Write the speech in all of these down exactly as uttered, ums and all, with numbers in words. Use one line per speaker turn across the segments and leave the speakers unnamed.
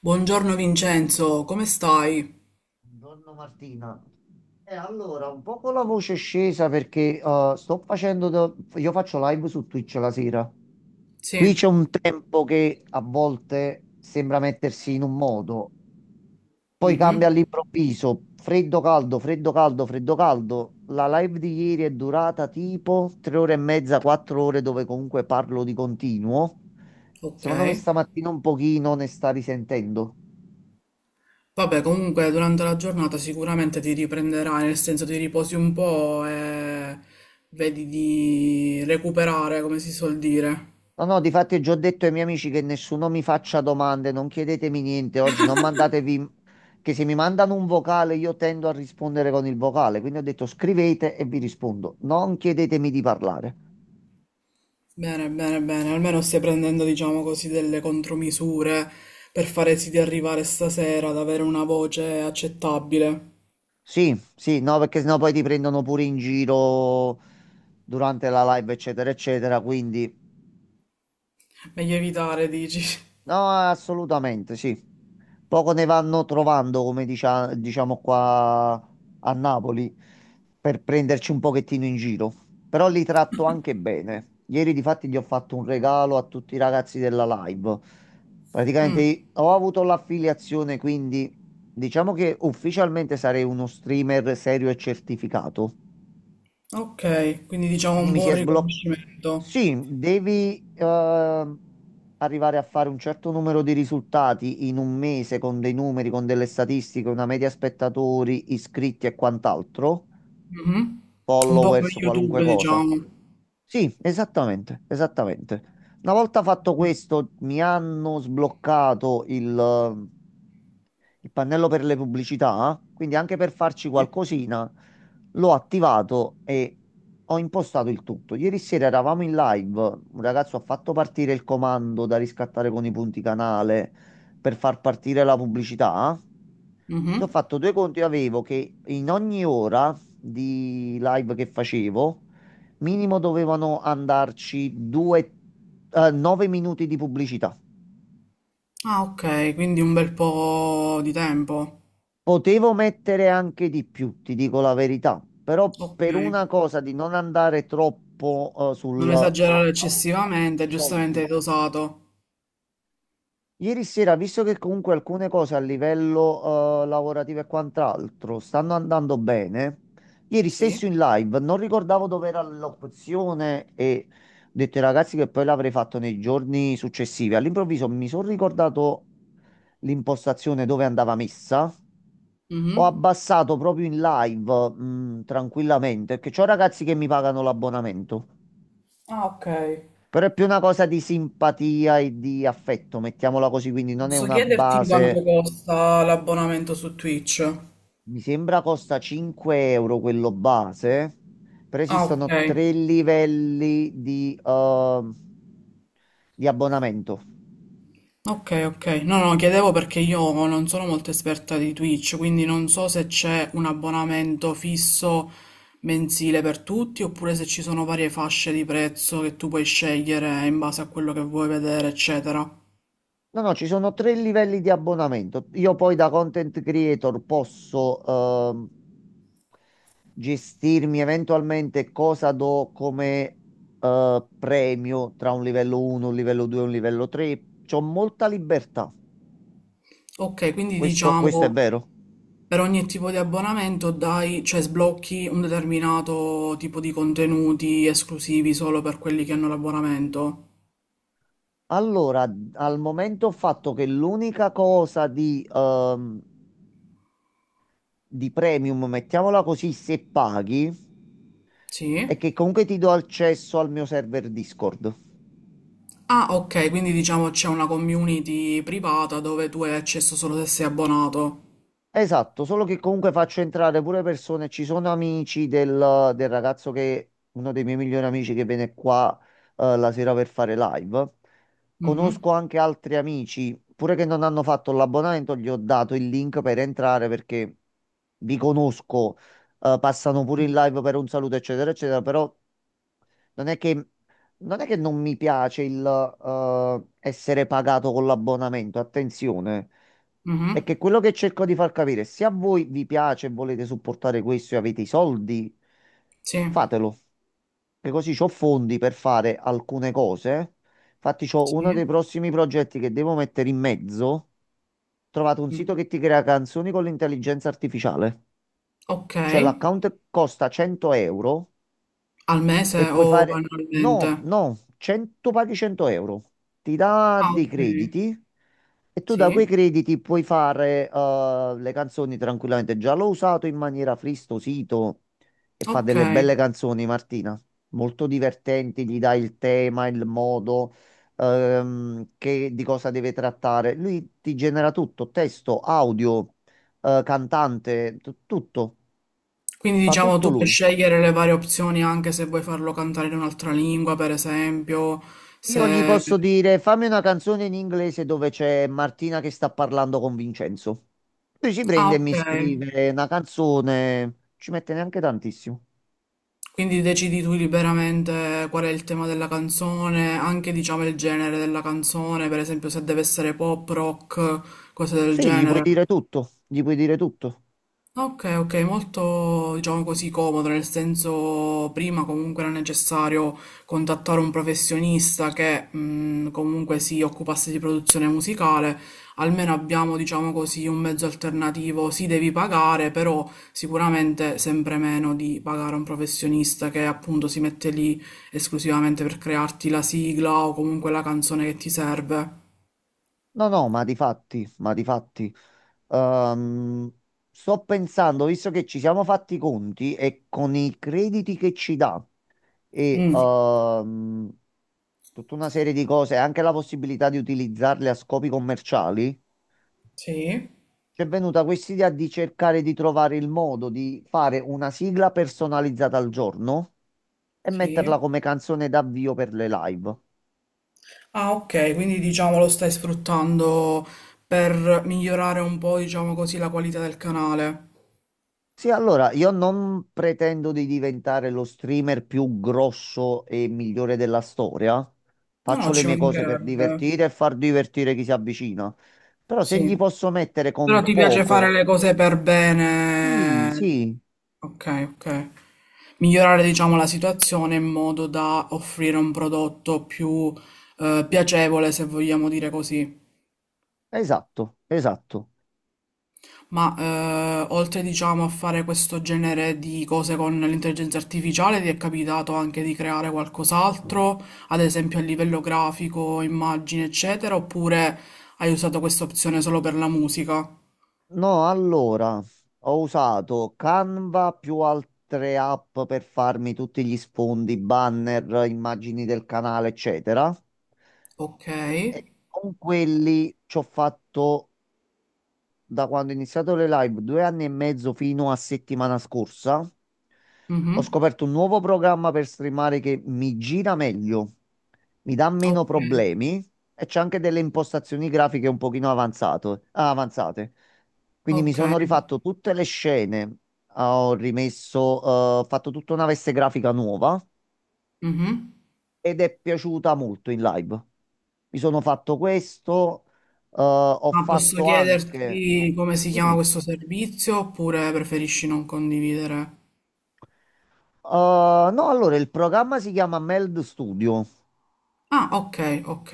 Buongiorno Vincenzo, come stai?
Buongiorno Martina. E allora, un po' con la voce scesa perché eh, sto facendo, da- io faccio live su Twitch la sera. Qui
Sì,
c'è un tempo che a volte sembra mettersi in un modo, poi
mhm,
cambia all'improvviso, freddo caldo, freddo caldo, freddo caldo. La live di ieri è durata tipo tre ore e mezza, quattro ore dove comunque parlo di continuo.
ok.
Secondo me stamattina un pochino ne sta risentendo.
Vabbè, comunque durante la giornata sicuramente ti riprenderai, nel senso ti riposi un po' e vedi di recuperare, come si suol dire.
No, no, difatti già ho detto ai miei amici che nessuno mi faccia domande, non chiedetemi niente oggi, non mandatevi, che se mi mandano un vocale io tendo a rispondere con il vocale, quindi ho detto scrivete e vi rispondo, non chiedetemi di parlare.
Bene, bene, bene, almeno stai prendendo, diciamo così, delle contromisure per fare sì di arrivare stasera ad avere una voce accettabile.
Sì, sì, no, perché sennò poi ti prendono pure in giro durante la live, eccetera, eccetera, quindi
Meglio evitare, dici.
no, assolutamente, sì. Poco ne vanno trovando, come dicia- diciamo qua a Napoli, per prenderci un pochettino in giro. Però li tratto anche bene. Ieri, difatti, gli ho fatto un regalo a tutti i ragazzi della live.
Mm,
Praticamente ho avuto l'affiliazione, quindi diciamo che ufficialmente sarei uno streamer serio e certificato.
ok, quindi diciamo
Quindi
un
mi si
buon
è sbloccato.
riconoscimento.
Sì, devi eh, arrivare a fare un certo numero di risultati in un mese con dei numeri, con delle statistiche, una media spettatori, iscritti e quant'altro,
Mh-mh. Un po' come
followers, qualunque
YouTube,
cosa.
diciamo.
Sì, esattamente, esattamente. Una volta fatto
Mh,
questo, mi hanno sbloccato il il pannello per le pubblicità, quindi anche per farci
sì.
qualcosina, l'ho attivato e ho impostato il tutto. Ieri sera eravamo in live, un ragazzo ha fatto partire il comando da riscattare con i punti canale per far partire la pubblicità.
Mh-mh.
Se ho fatto due conti, avevo che in ogni ora di live che facevo, minimo dovevano andarci due, eh, nove minuti di pubblicità.
Ah, okay, quindi un bel po' di tempo.
Potevo mettere anche di più, ti dico la verità, però per
Okay.
una cosa di non andare troppo eh, sul
Non esagerare
oh,
eccessivamente,
i
giustamente hai
soldi.
dosato.
Ieri sera, visto che comunque alcune cose a livello eh, lavorativo e quant'altro stanno andando bene, ieri
Sì.
stesso in live non ricordavo dove era l'opzione e ho detto ai ragazzi che poi l'avrei fatto nei giorni successivi. All'improvviso mi sono ricordato l'impostazione dove andava messa.
Mh-mh.
Ho abbassato proprio in live, mm, tranquillamente, perché c'ho ragazzi che mi pagano l'abbonamento.
Ah, okay.
Però è più una cosa di simpatia e di affetto, mettiamola così, quindi non è
Posso
una
chiederti quanto
base.
costa l'abbonamento su Twitch?
Mi sembra costa cinque euro quello base, però
Ah,
esistono
okay.
tre livelli di, eh, di abbonamento.
Ok, ok. No, no, chiedevo perché io non sono molto esperta di Twitch, quindi non so se c'è un abbonamento fisso mensile per tutti, oppure se ci sono varie fasce di prezzo che tu puoi scegliere in base a quello che vuoi vedere, eccetera.
No, no, ci sono tre livelli di abbonamento. Io poi da content creator posso, ehm, gestirmi eventualmente cosa do come eh, premio tra un livello uno, un livello due e un livello tre. C'ho molta libertà.
Ok, quindi
Questo, questo è
diciamo
vero.
per ogni tipo di abbonamento dai, cioè sblocchi un determinato tipo di contenuti esclusivi solo per quelli che hanno l'abbonamento.
Allora, al momento ho fatto che l'unica cosa di, ehm, di premium, mettiamola così, se paghi,
Sì?
è che comunque ti do accesso al mio server Discord.
Ah, ok, quindi diciamo c'è una community privata dove tu hai accesso solo se sei abbonato.
Esatto, solo che comunque faccio entrare pure persone, ci sono amici del, del ragazzo che, uno dei miei migliori amici che viene qua eh, la sera per fare live.
Mhm,
Conosco anche altri amici, pure che non hanno fatto l'abbonamento, gli ho dato il link per entrare perché vi conosco, eh, passano pure in live per un saluto, eccetera, eccetera, però non è che, non è che non mi piace il eh, essere pagato con l'abbonamento, attenzione. È
mhm,
che quello che cerco di far capire, se a voi vi piace e volete supportare questo e avete i soldi,
sì,
fatelo. Che così ho fondi per fare alcune cose. Infatti, c'ho uno
sì.
dei prossimi progetti che devo mettere in mezzo. Trovate un sito
Mhm.
che ti crea canzoni con l'intelligenza artificiale.
Ok,
Cioè, l'account costa cento euro
al
e
mese
puoi
o
fare
annualmente?
no, no, cento paghi cento euro. Ti dà
Ah,
dei
ok,
crediti e tu da quei
sì,
crediti puoi fare eh, le canzoni tranquillamente. Già l'ho usato in maniera fristosito e fa
ok.
delle belle canzoni, Martina. Molto divertenti, gli dai il tema, il modo, ehm, che, di cosa deve trattare. Lui ti genera tutto, testo, audio, eh, cantante, tu- tutto.
Quindi
Fa
diciamo
tutto
tu puoi
lui.
scegliere le varie opzioni anche se vuoi farlo cantare in un'altra lingua, per esempio,
Io gli
se...
posso dire, fammi una canzone in inglese dove c'è Martina che sta parlando con Vincenzo. Lui ci
Ah,
prende e
ok,
mi scrive una canzone, ci mette neanche tantissimo.
quindi decidi tu liberamente qual è il tema della canzone, anche diciamo il genere della canzone, per esempio se deve essere pop, rock, cose del
Sì, gli puoi
genere.
dire tutto, gli puoi dire tutto.
Ok, ok, molto diciamo così comodo, nel senso prima comunque era necessario contattare un professionista che mh, comunque si occupasse di produzione musicale, almeno abbiamo diciamo così un mezzo alternativo, si devi pagare, però sicuramente sempre meno di pagare un professionista che appunto si mette lì esclusivamente per crearti la sigla o comunque la canzone che ti serve.
No, no, ma di fatti, ma di fatti. Ehm, Sto pensando, visto che ci siamo fatti i conti e con i crediti che ci dà e
Mm,
ehm, tutta una serie di cose, anche la possibilità di utilizzarle a scopi commerciali.
sì,
C'è venuta quest'idea di cercare di trovare il modo di fare una sigla personalizzata al giorno e
sì.
metterla come canzone d'avvio per le live.
Ah, ok, quindi diciamo lo stai sfruttando per migliorare un po', diciamo così, la qualità del canale.
Sì, allora, io non pretendo di diventare lo streamer più grosso e migliore della storia.
No, no,
Faccio le
ci
mie cose per
mancherebbe.
divertire e far divertire chi si avvicina. Però se
Sì.
gli posso mettere
Però
con
ti piace fare
poco...
le cose per
Sì,
bene.
sì,
Ok, ok. Migliorare, diciamo, la situazione in modo da offrire un prodotto più eh, piacevole, se vogliamo dire così.
esatto, esatto.
Ma eh, oltre diciamo a fare questo genere di cose con l'intelligenza artificiale, ti è capitato anche di creare qualcos'altro, ad esempio a livello grafico, immagini, eccetera, oppure hai usato questa opzione solo per la musica?
No, allora, ho usato Canva più altre app per farmi tutti gli sfondi, banner, immagini del canale, eccetera.
Ok,
E con quelli ci ho fatto da quando ho iniziato le live, due anni e mezzo fino a settimana scorsa, ho
mhm,
scoperto un nuovo programma per streamare che mi gira meglio, mi dà meno
ok,
problemi e c'è anche delle impostazioni grafiche un pochino avanzato- avanzate. Quindi mi
ok,
sono rifatto tutte le scene, ho rimesso, eh, ho fatto tutta una veste grafica nuova
mhm.
ed è piaciuta molto in live. Mi sono fatto questo, eh, ho
Ma posso
fatto anche...
chiederti come si chiama
Dimmi.
questo servizio oppure preferisci non condividere?
Uh, no, allora il programma si chiama Meld Studio.
Ah, ok, ok.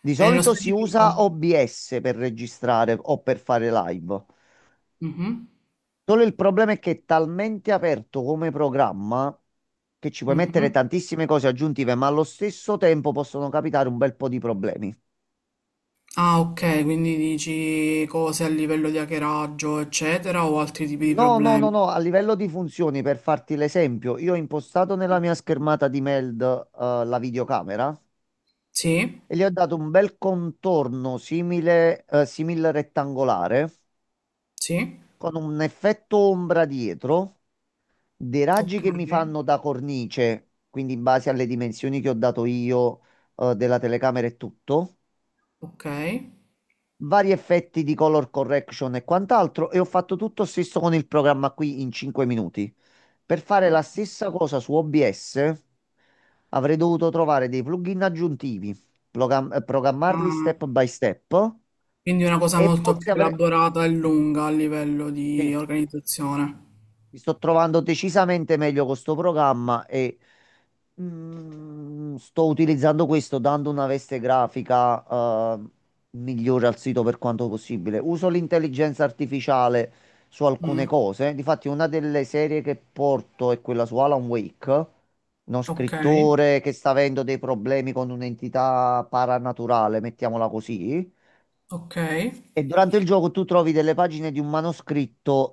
Di
E nello
solito si usa
specifico?
O B S per registrare o per fare live.
Mhm,
Solo il problema è che è talmente aperto come programma che ci puoi mettere
mhm.
tantissime cose aggiuntive, ma allo stesso tempo possono capitare un bel po' di problemi.
Ah, ok, quindi dici cose a livello di hackeraggio, eccetera, o altri tipi di
No, no, no,
problemi.
no, a livello di funzioni, per farti l'esempio, io ho impostato nella mia schermata di Meld, eh, la videocamera
Sì,
e gli ho dato un bel contorno simile, eh, simil rettangolare.
sì,
Con un effetto ombra dietro, dei raggi
ok,
che mi fanno da cornice, quindi in base alle dimensioni che ho dato io, eh, della telecamera e tutto,
ok.
vari effetti di color correction e quant'altro, e ho fatto tutto stesso con il programma qui in cinque minuti. Per fare la stessa cosa su O B S avrei dovuto trovare dei plugin aggiuntivi, program- eh, programmarli
Ah,
step by step
quindi una cosa
e
molto
forse
più
avrei...
elaborata e lunga a livello di
sì.
organizzazione.
Mi sto trovando decisamente meglio con sto programma e mm, sto utilizzando questo dando una veste grafica eh, migliore al sito per quanto possibile. Uso l'intelligenza artificiale su alcune
Mm,
cose. Difatti, una delle serie che porto è quella su Alan Wake, uno
ok,
scrittore che sta avendo dei problemi con un'entità paranaturale, mettiamola così.
ok,
E durante il gioco tu trovi delle pagine di un manoscritto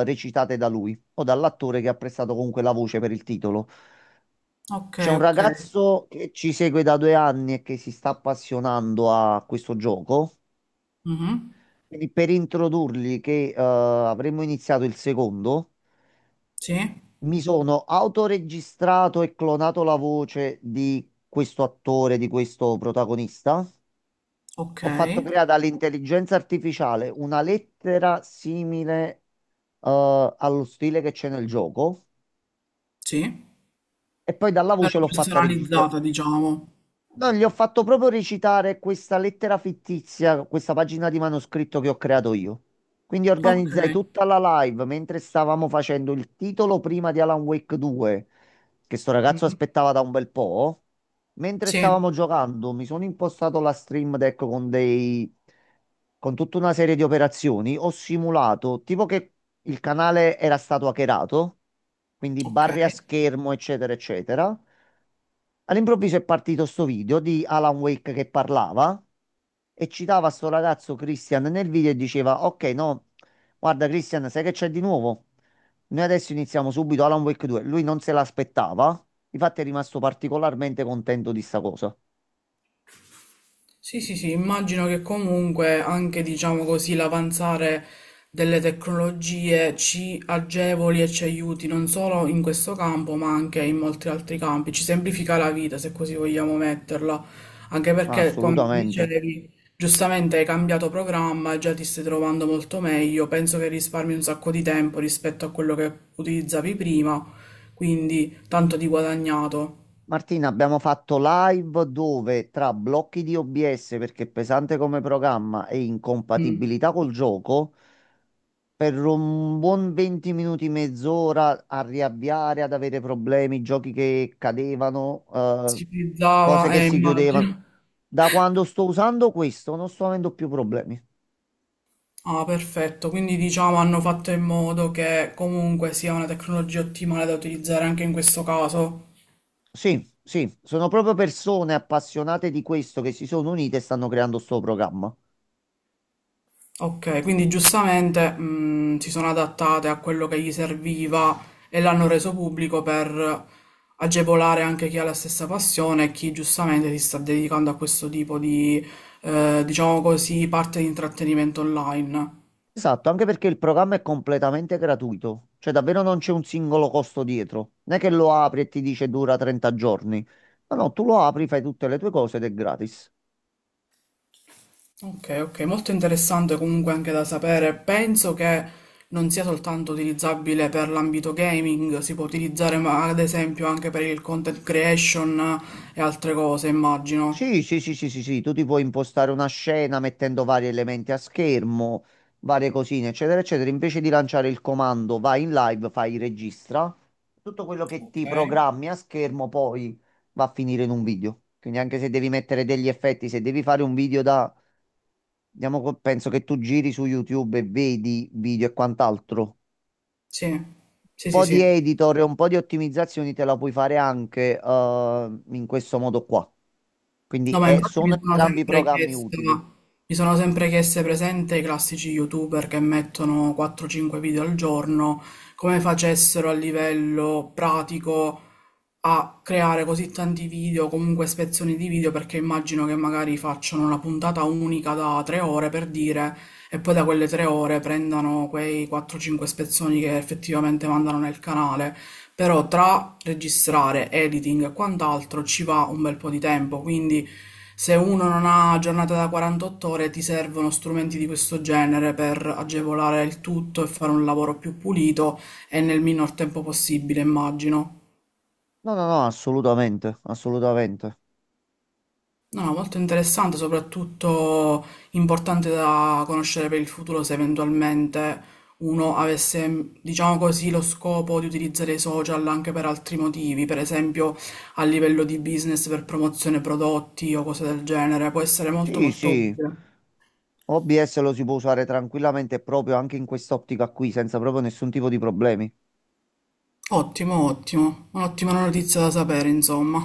eh, recitate da lui o dall'attore che ha prestato comunque la voce per il titolo.
ok,
C'è un
ok.
ragazzo che ci segue da due anni e che si sta appassionando a questo gioco.
Mhm,
Quindi per introdurgli che eh, avremmo iniziato il secondo,
sì,
mi sono autoregistrato e clonato la voce di questo attore, di questo protagonista.
ok,
Ho fatto creare all'intelligenza artificiale una lettera simile eh, allo stile che c'è nel gioco.
sì.
E poi dalla voce
Però
l'ho fatta registrare.
personalizzata, diciamo.
No, gli ho fatto proprio recitare questa lettera fittizia, questa pagina di manoscritto che ho creato io. Quindi
Ok.
organizzai tutta la live mentre stavamo facendo il titolo prima di Alan Wake due, che sto ragazzo
Mhm,
aspettava da un bel po'. Mentre
sì,
stavamo giocando, mi sono impostato la Stream Deck con dei... con tutta una serie di operazioni. Ho simulato, tipo che il canale era stato hackerato, quindi
ok.
barre a schermo, eccetera, eccetera. All'improvviso è partito sto video di Alan Wake che parlava e citava sto ragazzo Christian nel video e diceva: Ok, no, guarda, Christian, sai che c'è di nuovo? Noi adesso iniziamo subito Alan Wake due. Lui non se l'aspettava, infatti è rimasto particolarmente contento di sta cosa.
Sì, sì, sì, immagino che comunque anche, diciamo così, l'avanzare delle tecnologie ci agevoli e ci aiuti non solo in questo campo, ma anche in molti altri campi. Ci semplifica la vita, se così vogliamo metterla. Anche
Ma
perché, come
Assolutamente.
dicevi, giustamente hai cambiato programma e già ti stai trovando molto meglio. Penso che risparmi un sacco di tempo rispetto a quello che utilizzavi prima, quindi tanto di guadagnato.
Martina, abbiamo fatto live dove tra blocchi di O B S perché è pesante come programma e
Mm.
incompatibilità col gioco. per un buon venti minuti, mezz'ora a riavviare, ad avere problemi, giochi che cadevano, eh,
Si
cose
utilizzava,
che
eh,
si chiudevano.
immagino.
Da quando sto usando questo non sto avendo più problemi.
Ah, perfetto. Quindi diciamo hanno fatto in modo che comunque sia una tecnologia ottimale da utilizzare anche in questo caso.
Sì, sì, sono proprio persone appassionate di questo che si sono unite e stanno creando sto programma.
Ok, quindi giustamente mh, si sono adattate a quello che gli serviva e l'hanno reso pubblico per agevolare anche chi ha la stessa passione e chi giustamente si sta dedicando a questo tipo di, eh, diciamo così, parte di intrattenimento online.
Esatto, anche perché il programma è completamente gratuito, cioè davvero non c'è un singolo costo dietro. Non è che lo apri e ti dice dura trenta giorni. No, no, tu lo apri, fai tutte le tue cose ed è gratis.
Ok, ok, molto interessante comunque anche da sapere. Penso che non sia soltanto utilizzabile per l'ambito gaming, si può utilizzare ma- ad esempio anche per il content creation e altre cose, immagino.
Sì, sì, sì, sì, sì, sì, tu ti puoi impostare una scena mettendo vari elementi a schermo, varie cosine, eccetera, eccetera. Invece di lanciare il comando, vai in live, fai registra. Tutto quello che
Ok.
ti programmi a schermo poi va a finire in un video. Quindi anche se devi mettere degli effetti, se devi fare un video da, diciamo, co- penso che tu giri su YouTube e vedi video e quant'altro.
Sì, sì,
Un
sì,
po' di
sì.
editor e un po' di ottimizzazioni te la puoi fare anche eh, in questo modo qua. Quindi
No, ma
eh,
infatti mi
sono
sono
entrambi
sempre
programmi
chiesta,
utili.
mi sono sempre chieste presente i classici YouTuber che mettono quattro cinque video al giorno, come facessero a livello pratico a creare così tanti video, comunque spezzoni di video, perché immagino che magari facciano una puntata unica da tre ore per dire, e poi da quelle tre ore prendano quei quattro cinque spezzoni che effettivamente mandano nel canale però tra registrare, editing e quant'altro ci va un bel po' di tempo, quindi se uno non ha giornata da quarantotto ore ti servono strumenti di questo genere per agevolare il tutto e fare un lavoro più pulito e nel minor tempo possibile, immagino.
No, no, no, assolutamente, assolutamente.
No, no, molto interessante, soprattutto importante da conoscere per il futuro se eventualmente uno avesse, diciamo così, lo scopo di utilizzare i social anche per altri motivi, per esempio a livello di business per promozione prodotti o cose del genere, può essere molto
Sì,
molto
sì,
utile.
O B S lo si può usare tranquillamente proprio anche in quest'ottica qui, senza proprio nessun tipo di problemi.
Ottimo, ottimo, un'ottima notizia da sapere, insomma.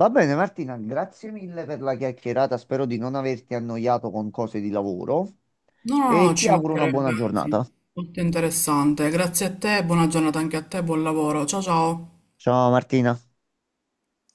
Va bene, Martina, grazie mille per la chiacchierata, spero di non averti annoiato con cose di lavoro
No, no, no,
e ti
ci
auguro una
mancherebbe,
buona
anzi,
giornata.
molto interessante. Grazie a te, buona giornata anche a te, buon lavoro. Ciao ciao.
Ciao Martina.